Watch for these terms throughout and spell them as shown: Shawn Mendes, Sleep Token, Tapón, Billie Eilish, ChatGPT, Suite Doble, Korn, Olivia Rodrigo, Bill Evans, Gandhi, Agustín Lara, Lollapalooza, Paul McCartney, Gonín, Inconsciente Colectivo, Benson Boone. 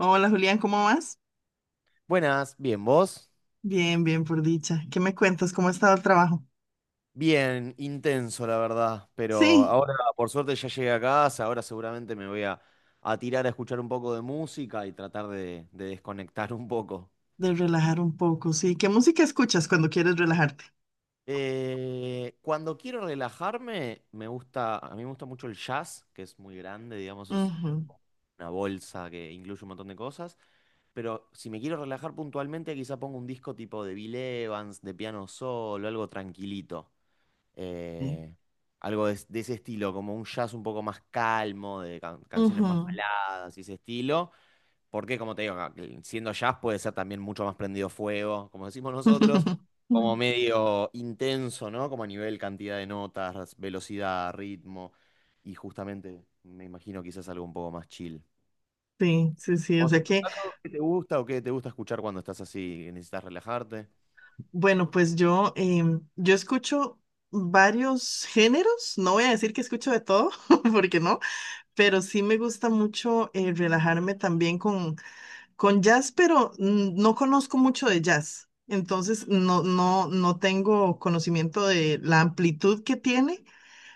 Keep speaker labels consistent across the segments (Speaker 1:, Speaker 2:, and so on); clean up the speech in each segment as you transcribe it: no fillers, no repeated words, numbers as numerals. Speaker 1: Hola Julián, ¿cómo vas?
Speaker 2: Buenas, bien, ¿vos?
Speaker 1: Bien, bien, por dicha. ¿Qué me cuentas? ¿Cómo ha estado el trabajo?
Speaker 2: Bien, intenso la verdad, pero
Speaker 1: Sí,
Speaker 2: ahora por suerte ya llegué a casa, ahora seguramente me voy a tirar a escuchar un poco de música y tratar de desconectar un poco.
Speaker 1: de relajar un poco, sí. ¿Qué música escuchas cuando quieres relajarte?
Speaker 2: Cuando quiero relajarme, me gusta, a mí me gusta mucho el jazz, que es muy grande, digamos, es
Speaker 1: Ujú,
Speaker 2: una bolsa que incluye un montón de cosas, pero si me quiero relajar puntualmente, quizá pongo un disco tipo de Bill Evans, de piano solo, algo tranquilito.
Speaker 1: sí.
Speaker 2: eh, Algo de ese estilo, como un jazz un poco más calmo, de canciones más
Speaker 1: Ujú.
Speaker 2: baladas y ese estilo, porque como te digo, siendo jazz puede ser también mucho más prendido fuego, como decimos nosotros, como medio intenso, ¿no? Como a nivel cantidad de notas, velocidad, ritmo, y justamente me imagino quizás algo un poco más chill.
Speaker 1: Sí, sí, sí. O
Speaker 2: ¿Vos
Speaker 1: sea
Speaker 2: en tu
Speaker 1: que,
Speaker 2: caso, qué te gusta o qué te gusta escuchar cuando estás así, que necesitas relajarte?
Speaker 1: bueno, pues yo escucho varios géneros. No voy a decir que escucho de todo, porque no, pero sí me gusta mucho relajarme también con jazz, pero no conozco mucho de jazz, entonces no tengo conocimiento de la amplitud que tiene.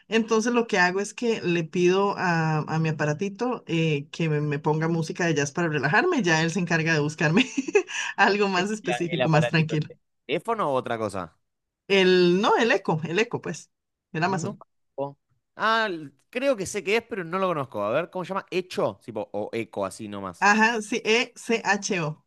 Speaker 1: Entonces lo que hago es que le pido a mi aparatito que me ponga música de jazz para relajarme, ya él se encarga de buscarme algo
Speaker 2: ¿Qué ¿Es
Speaker 1: más
Speaker 2: la- El
Speaker 1: específico, más
Speaker 2: aparatito, el
Speaker 1: tranquilo.
Speaker 2: teléfono o otra cosa?
Speaker 1: El, no, el eco, pues, el
Speaker 2: No
Speaker 1: Amazon.
Speaker 2: conozco. Ah, creo que sé qué es, pero no lo conozco. A ver, ¿cómo se llama? ¿Echo? Tipo, o eco, así nomás.
Speaker 1: Ajá, sí, Echo.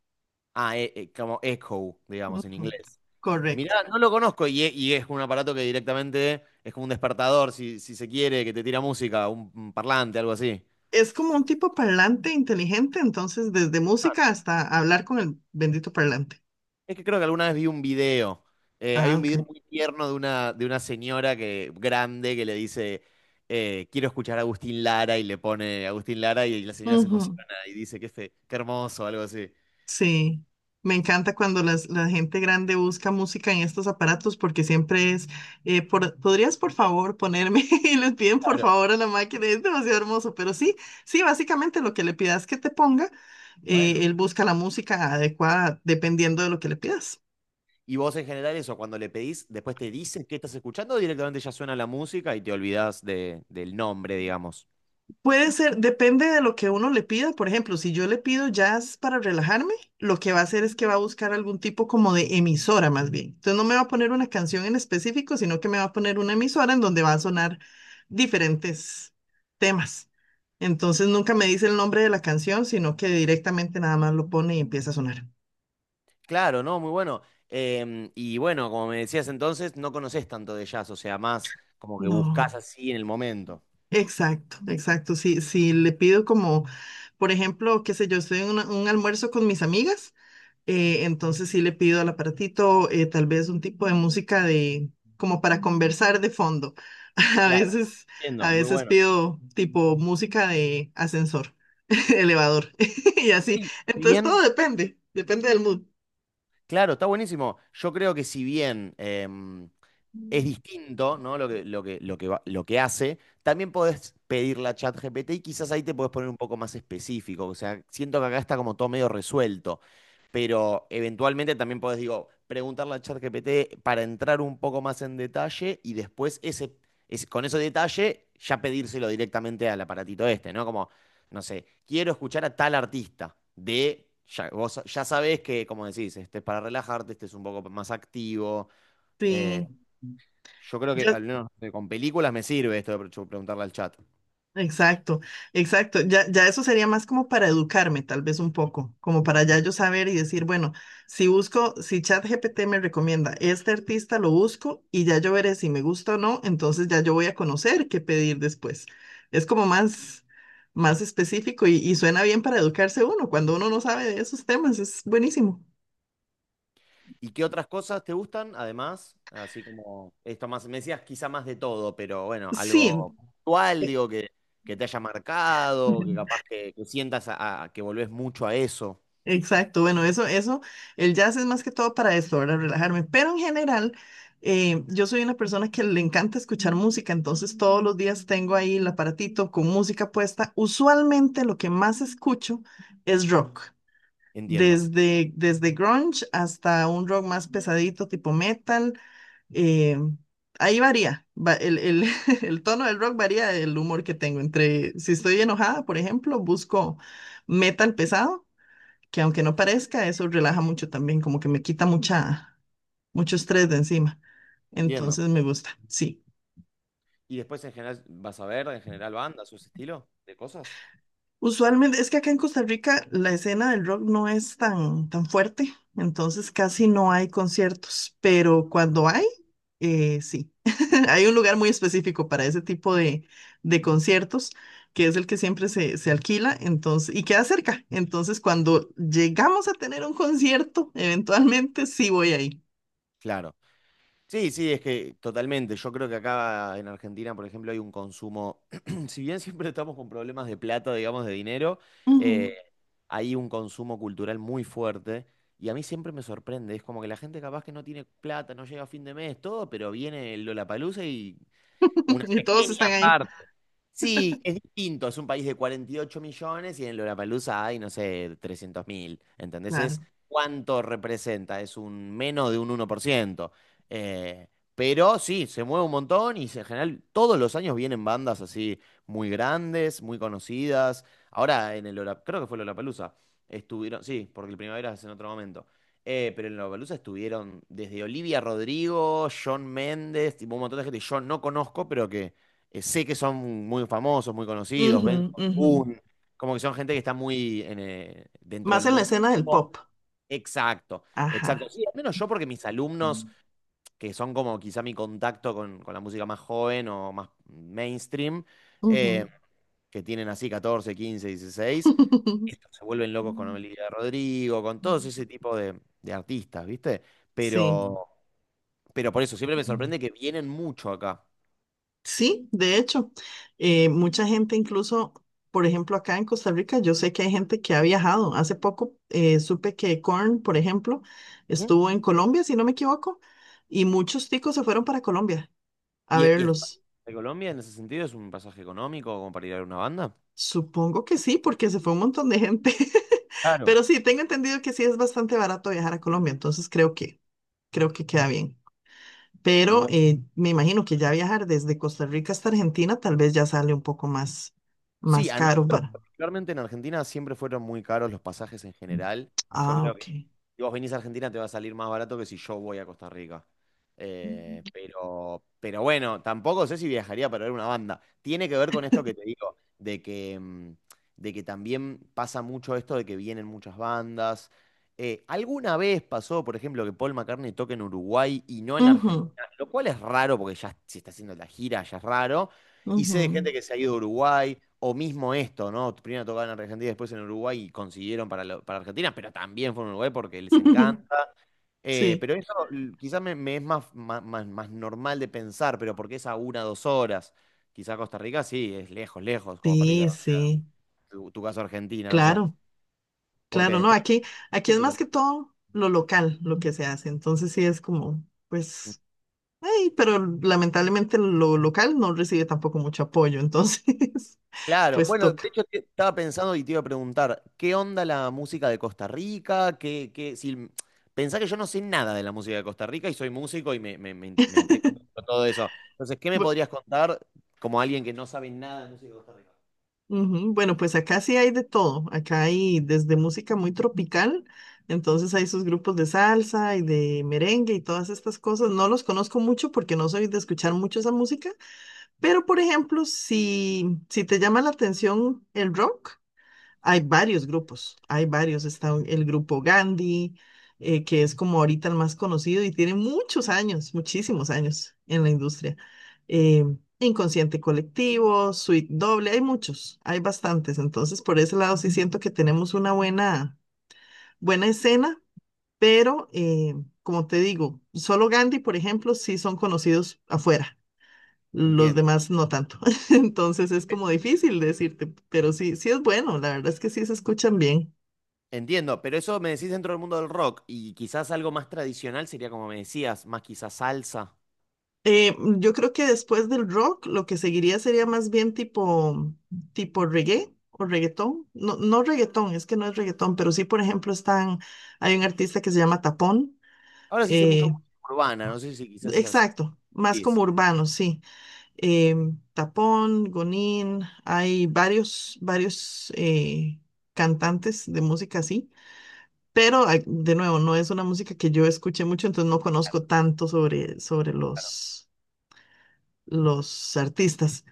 Speaker 2: Ah, como echo, digamos, en
Speaker 1: Ujú.
Speaker 2: inglés.
Speaker 1: Correcto.
Speaker 2: Mirá, no lo conozco y, y es un aparato que directamente es como un despertador, si, si se quiere, que te tira música, un parlante, algo así.
Speaker 1: Es como un tipo parlante inteligente, entonces desde música hasta hablar con el bendito parlante.
Speaker 2: Es que creo que alguna vez vi un video. Hay
Speaker 1: Ah,
Speaker 2: un video
Speaker 1: ok.
Speaker 2: muy tierno de una señora que, grande que le dice, quiero escuchar a Agustín Lara y le pone Agustín Lara y, la señora se
Speaker 1: Ujú.
Speaker 2: emociona y dice que, qué hermoso, algo así.
Speaker 1: Sí, me encanta cuando la gente grande busca música en estos aparatos porque siempre es, por- ¿podrías por favor ponerme? Y les piden por favor a la máquina, es demasiado hermoso, pero sí, sí, básicamente lo que le pidas que te ponga,
Speaker 2: Bueno.
Speaker 1: él busca la música adecuada dependiendo de lo que le pidas.
Speaker 2: Y vos en general eso, cuando le pedís, después te dice qué estás escuchando, o directamente ya suena la música y te olvidás del nombre, digamos.
Speaker 1: Puede ser, depende de lo que uno le pida. Por ejemplo, si yo le pido jazz para relajarme, lo que va a hacer es que va a buscar algún tipo como de emisora más bien. Entonces no me va a poner una canción en específico, sino que me va a poner una emisora en donde va a sonar diferentes temas. Entonces nunca me dice el nombre de la canción, sino que directamente nada más lo pone y empieza a sonar.
Speaker 2: Claro, ¿no? Muy bueno. Y bueno, como me decías entonces, no conoces tanto de jazz, o sea, más como que
Speaker 1: No,
Speaker 2: buscás así en el momento.
Speaker 1: exacto, exacto. Si le pido como, por ejemplo, qué sé yo, estoy en un almuerzo con mis amigas. Entonces sí le pido al aparatito tal vez un tipo de música de como para conversar de fondo. A
Speaker 2: Claro,
Speaker 1: veces, a
Speaker 2: entiendo, muy
Speaker 1: veces
Speaker 2: bueno.
Speaker 1: pido tipo música de ascensor, elevador y así. Entonces todo
Speaker 2: Bien,
Speaker 1: depende del mood.
Speaker 2: claro, está buenísimo. Yo creo que si bien es distinto, ¿no? Lo que hace. También podés pedirla a ChatGPT y quizás ahí te podés poner un poco más específico. O sea, siento que acá está como todo medio resuelto. Pero eventualmente también podés, digo, preguntarle a ChatGPT para entrar un poco más en detalle y después con ese detalle ya pedírselo directamente al aparatito este, ¿no? Como, no sé, quiero escuchar a tal artista de. Ya, vos ya sabés que, como decís, este es para relajarte, este es un poco más activo. eh,
Speaker 1: Sí.
Speaker 2: yo creo que
Speaker 1: Ya-
Speaker 2: al menos con películas me sirve esto de yo preguntarle al chat.
Speaker 1: Exacto, exacto. Ya, ya eso sería más como para educarme, tal vez un poco, como para ya yo saber y decir, bueno, si busco, si ChatGPT me recomienda este artista, lo busco y ya yo veré si me gusta o no, entonces ya yo voy a conocer qué pedir después. Es como más específico y suena bien para educarse uno. Cuando uno no sabe de esos temas, es buenísimo.
Speaker 2: ¿Y qué otras cosas te gustan? Además, así como esto más, me decías quizá más de todo, pero bueno,
Speaker 1: Sí.
Speaker 2: algo puntual, digo, que te haya marcado, que capaz que sientas que volvés mucho a eso.
Speaker 1: Exacto, bueno, eso, el jazz es más que todo para esto, para relajarme, pero en general, yo soy una persona que le encanta escuchar música, entonces todos los días tengo ahí el aparatito con música puesta. Usualmente lo que más escucho es rock,
Speaker 2: Entiendo,
Speaker 1: desde grunge hasta un rock más pesadito, tipo metal, eh, ahí varía, el tono del rock varía del humor que tengo, entre si estoy enojada, por ejemplo, busco metal pesado que aunque no parezca, eso relaja mucho también, como que me quita mucho estrés de encima.
Speaker 2: entiendo.
Speaker 1: Entonces me gusta, sí.
Speaker 2: Y después en general, ¿vas a ver en general bandas o ese estilo de cosas?
Speaker 1: Usualmente, es que acá en Costa Rica la escena del rock no es tan fuerte, entonces casi no hay conciertos, pero cuando hay, sí. Hay un lugar muy específico para ese tipo de conciertos, que es el que siempre se alquila, entonces, y queda cerca. Entonces, cuando llegamos a tener un concierto, eventualmente sí voy ahí.
Speaker 2: Claro. Sí, sí, es que totalmente. Yo creo que acá en Argentina, por ejemplo, hay un consumo, si bien siempre estamos con problemas de plata, digamos, de dinero, eh,
Speaker 1: Ujú.
Speaker 2: hay un consumo cultural muy fuerte y a mí siempre me sorprende. Es como que la gente capaz que no tiene plata, no llega a fin de mes, todo, pero viene el Lollapalooza y una
Speaker 1: Y todos están
Speaker 2: pequeña
Speaker 1: ahí.
Speaker 2: parte. Sí, es distinto, es un país de 48 millones y en Lollapalooza hay, no sé, 300 mil, ¿entendés?
Speaker 1: Claro.
Speaker 2: Es cuánto representa, es un menos de un 1%. Eh, pero sí, se mueve un montón y en general todos los años vienen bandas así muy grandes, muy conocidas. Ahora en el Lola, creo que fue Lollapalooza, estuvieron, sí, porque el Primavera es en otro momento. Pero en Lollapalooza estuvieron desde Olivia Rodrigo, Shawn Mendes, tipo un montón de gente que yo no conozco, pero que sé que son muy famosos, muy conocidos,
Speaker 1: Ujú,
Speaker 2: Benson
Speaker 1: ujú.
Speaker 2: Boone, como que son gente que está muy en, dentro
Speaker 1: Más
Speaker 2: del
Speaker 1: en la
Speaker 2: mundo
Speaker 1: escena del
Speaker 2: pop.
Speaker 1: pop.
Speaker 2: Exacto, exacto.
Speaker 1: Ajá.
Speaker 2: Sí, al menos yo porque mis alumnos, que son como quizá mi contacto con la música más joven o más mainstream, eh,
Speaker 1: Ujú.
Speaker 2: que tienen así 14, 15, 16, estos se vuelven locos con Olivia Rodrigo, con todos ese tipo de artistas, ¿viste?
Speaker 1: Sí.
Speaker 2: Pero, pero por eso siempre me sorprende que vienen mucho acá.
Speaker 1: Sí, de hecho, mucha gente incluso, por ejemplo, acá en Costa Rica, yo sé que hay gente que ha viajado. Hace poco supe que Korn, por ejemplo, estuvo en Colombia, si no me equivoco, y muchos ticos se fueron para Colombia a
Speaker 2: ¿Y,
Speaker 1: verlos.
Speaker 2: de Colombia en ese sentido es un pasaje económico como para ir a ver una banda?
Speaker 1: Supongo que sí, porque se fue un montón de gente.
Speaker 2: Claro,
Speaker 1: Pero sí, tengo entendido que sí es bastante barato viajar a Colombia, entonces creo que queda bien. Pero
Speaker 2: muy.
Speaker 1: me imagino que ya viajar desde Costa Rica hasta Argentina tal vez ya sale un poco
Speaker 2: Sí,
Speaker 1: más
Speaker 2: a
Speaker 1: caro
Speaker 2: nosotros,
Speaker 1: para...
Speaker 2: particularmente en Argentina, siempre fueron muy caros los pasajes en general. Yo
Speaker 1: Ah,
Speaker 2: creo que
Speaker 1: ok.
Speaker 2: si vos venís a Argentina te va a salir más barato que si yo voy a Costa Rica. Pero bueno, tampoco sé si viajaría para ver una banda. Tiene que ver con esto que te digo, de que, de que también pasa mucho esto de que vienen muchas bandas. ¿Alguna vez pasó, por ejemplo, que Paul McCartney toque en Uruguay y no en
Speaker 1: Ujú,
Speaker 2: Argentina? Lo cual es raro porque ya si está haciendo la gira, ya es raro. Y sé de
Speaker 1: ujú.
Speaker 2: gente que se ha ido a Uruguay, o mismo esto, ¿no? Primero tocaban en Argentina, después en Uruguay y consiguieron para, para Argentina, pero también fueron a Uruguay porque les encanta.
Speaker 1: Sí,
Speaker 2: Pero eso quizás me, más, más normal de pensar, pero porque es a una o dos horas. Quizás Costa Rica sí, es lejos, lejos, como para ir a
Speaker 1: sí, sí,
Speaker 2: tu, tu caso a Argentina, no sé.
Speaker 1: claro,
Speaker 2: Porque
Speaker 1: claro, no,
Speaker 2: después.
Speaker 1: aquí es más que todo lo local, lo que se hace, entonces sí es como, pues, Ay, pero lamentablemente lo local no recibe tampoco mucho apoyo, entonces
Speaker 2: Claro,
Speaker 1: pues
Speaker 2: bueno, de
Speaker 1: toca.
Speaker 2: hecho estaba pensando y te iba a preguntar, ¿qué onda la música de Costa Rica? ¿Qué, qué, si, m- Pensá que yo no sé nada de la música de Costa Rica y soy músico y me, me intriga mucho todo eso. Entonces, ¿qué me
Speaker 1: Bu-
Speaker 2: podrías contar como alguien que no sabe nada de música de Costa Rica?
Speaker 1: ujú. Bueno, pues acá sí hay de todo. Acá hay desde música muy tropical, entonces hay sus grupos de salsa y de merengue y todas estas cosas. No los conozco mucho porque no soy de escuchar mucho esa música, pero por ejemplo, si te llama la atención el rock, hay varios grupos, hay varios. Está el grupo Gandhi, que es como ahorita el más conocido y tiene muchos años, muchísimos años en la industria. Eh, Inconsciente Colectivo, Suite Doble, hay muchos, hay bastantes. Entonces, por ese lado sí siento que tenemos una buena, buena escena, pero como te digo, solo Gandhi, por ejemplo, sí son conocidos afuera. Los
Speaker 2: Entiendo,
Speaker 1: demás no tanto. Entonces es como difícil decirte, pero sí, sí es bueno, la verdad es que sí se escuchan bien.
Speaker 2: entiendo, pero eso me decís dentro del mundo del rock y quizás algo más tradicional sería como me decías, más quizás salsa.
Speaker 1: Yo creo que después del rock, lo que seguiría sería más bien tipo reggae o reggaetón. No, no reggaetón, es que no es reggaetón, pero sí, por ejemplo, están, hay un artista que se llama Tapón.
Speaker 2: Ahora sí sé mucho
Speaker 1: eh,
Speaker 2: música urbana, no sé si quizás es el salsa.
Speaker 1: exacto, más como urbano, sí. Tapón, Gonín, hay varios cantantes de música así. Pero, ah, de nuevo, no es una música que yo escuché mucho, entonces no conozco tanto sobre los artistas.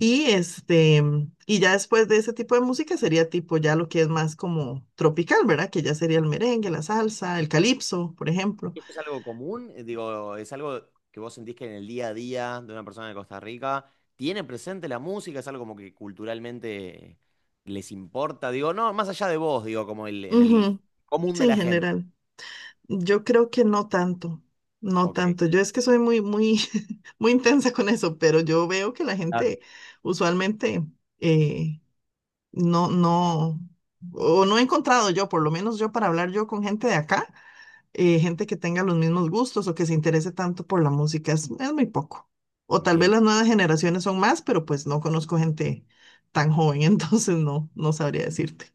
Speaker 1: Y este, y ya después de ese tipo de música sería tipo ya lo que es más como tropical, ¿verdad? Que ya sería el merengue, la salsa, el calipso, por ejemplo.
Speaker 2: ¿Esto es algo común? Digo, ¿es algo que vos sentís que en el día a día de una persona de Costa Rica tiene presente la música? ¿Es algo como que culturalmente les importa? Digo, no, más allá de vos, digo, como el, en el
Speaker 1: Ujú.
Speaker 2: común
Speaker 1: Sí,
Speaker 2: de
Speaker 1: en
Speaker 2: la gente.
Speaker 1: general. Yo creo que no tanto, no
Speaker 2: Ok,
Speaker 1: tanto. Yo es que soy muy, muy, muy intensa con eso, pero yo veo que la
Speaker 2: claro.
Speaker 1: gente usualmente eh, no, no, o no he encontrado yo, por lo menos yo para hablar yo con gente de acá gente que tenga los mismos gustos o que se interese tanto por la música. Es muy poco. O tal vez
Speaker 2: Entiendo.
Speaker 1: las nuevas generaciones son más, pero pues no conozco gente tan joven, entonces no, no sabría decirte.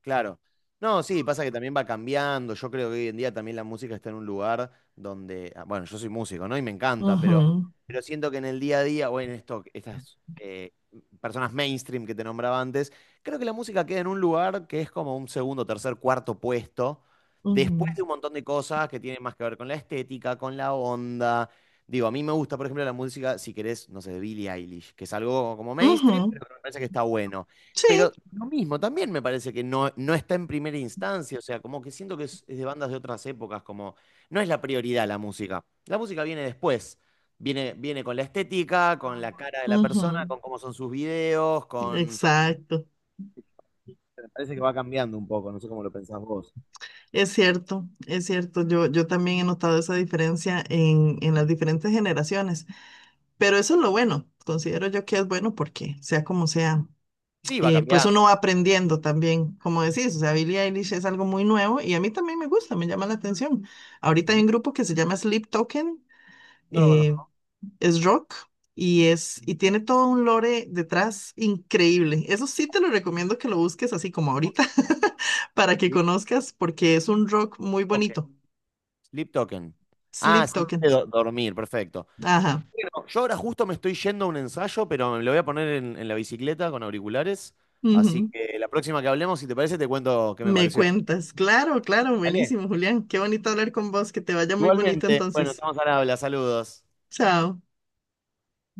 Speaker 2: Claro. No, sí, pasa que también va cambiando. Yo creo que hoy en día también la música está en un lugar donde, ah, bueno, yo soy músico, ¿no? Y me encanta,
Speaker 1: Ujú,
Speaker 2: pero siento que en el día a día, o en esto, estas personas mainstream que te nombraba antes, creo que la música queda en un lugar que es como un segundo, tercer, cuarto puesto, después
Speaker 1: ujú,
Speaker 2: de un montón de cosas que tienen más que ver con la estética, con la onda. Digo, a mí me gusta, por ejemplo, la música, si querés, no sé, de Billie Eilish, que es algo como mainstream,
Speaker 1: ujú.
Speaker 2: pero que me parece que está bueno.
Speaker 1: Sí,
Speaker 2: Pero lo mismo, también me parece que no, no está en primera instancia, o sea, como que siento que es de bandas de otras épocas, como no es la prioridad la música. La música viene después, viene, viene con la estética, con la cara de la persona,
Speaker 1: ujú,
Speaker 2: con cómo son sus videos, con...
Speaker 1: exacto.
Speaker 2: Me parece que va cambiando un poco, no sé cómo lo pensás vos.
Speaker 1: Es cierto, es cierto. Yo también he notado esa diferencia en las diferentes generaciones, pero eso es lo bueno. Considero yo que es bueno porque sea como sea.
Speaker 2: Sí, va
Speaker 1: Pues
Speaker 2: cambiando.
Speaker 1: uno va aprendiendo también, como decís, o sea, Billie Eilish es algo muy nuevo y a mí también me gusta, me llama la atención. Ahorita hay
Speaker 2: Ujú.
Speaker 1: un grupo que se llama Sleep Token,
Speaker 2: No lo
Speaker 1: eh,
Speaker 2: conozco.
Speaker 1: es rock y es y tiene todo un lore detrás increíble. Eso sí te lo recomiendo que lo busques así como ahorita para que
Speaker 2: Sleep
Speaker 1: conozcas porque es un rock muy
Speaker 2: Token.
Speaker 1: bonito.
Speaker 2: Sleep Token. Ah,
Speaker 1: Sleep
Speaker 2: Sleep de
Speaker 1: Token.
Speaker 2: dormir, perfecto.
Speaker 1: Ajá.
Speaker 2: Bueno, yo ahora justo me estoy yendo a un ensayo, pero me lo voy a poner en la bicicleta con auriculares. Así
Speaker 1: Ujú.
Speaker 2: que la próxima que hablemos, si te parece, te cuento qué me
Speaker 1: Me
Speaker 2: pareció.
Speaker 1: cuentas. Claro, claro,
Speaker 2: ¿Vale?
Speaker 1: buenísimo, Julián. Qué bonito hablar con vos, que te vaya muy bonito
Speaker 2: Igualmente. Bueno,
Speaker 1: entonces.
Speaker 2: estamos al habla. Saludos.
Speaker 1: Chao.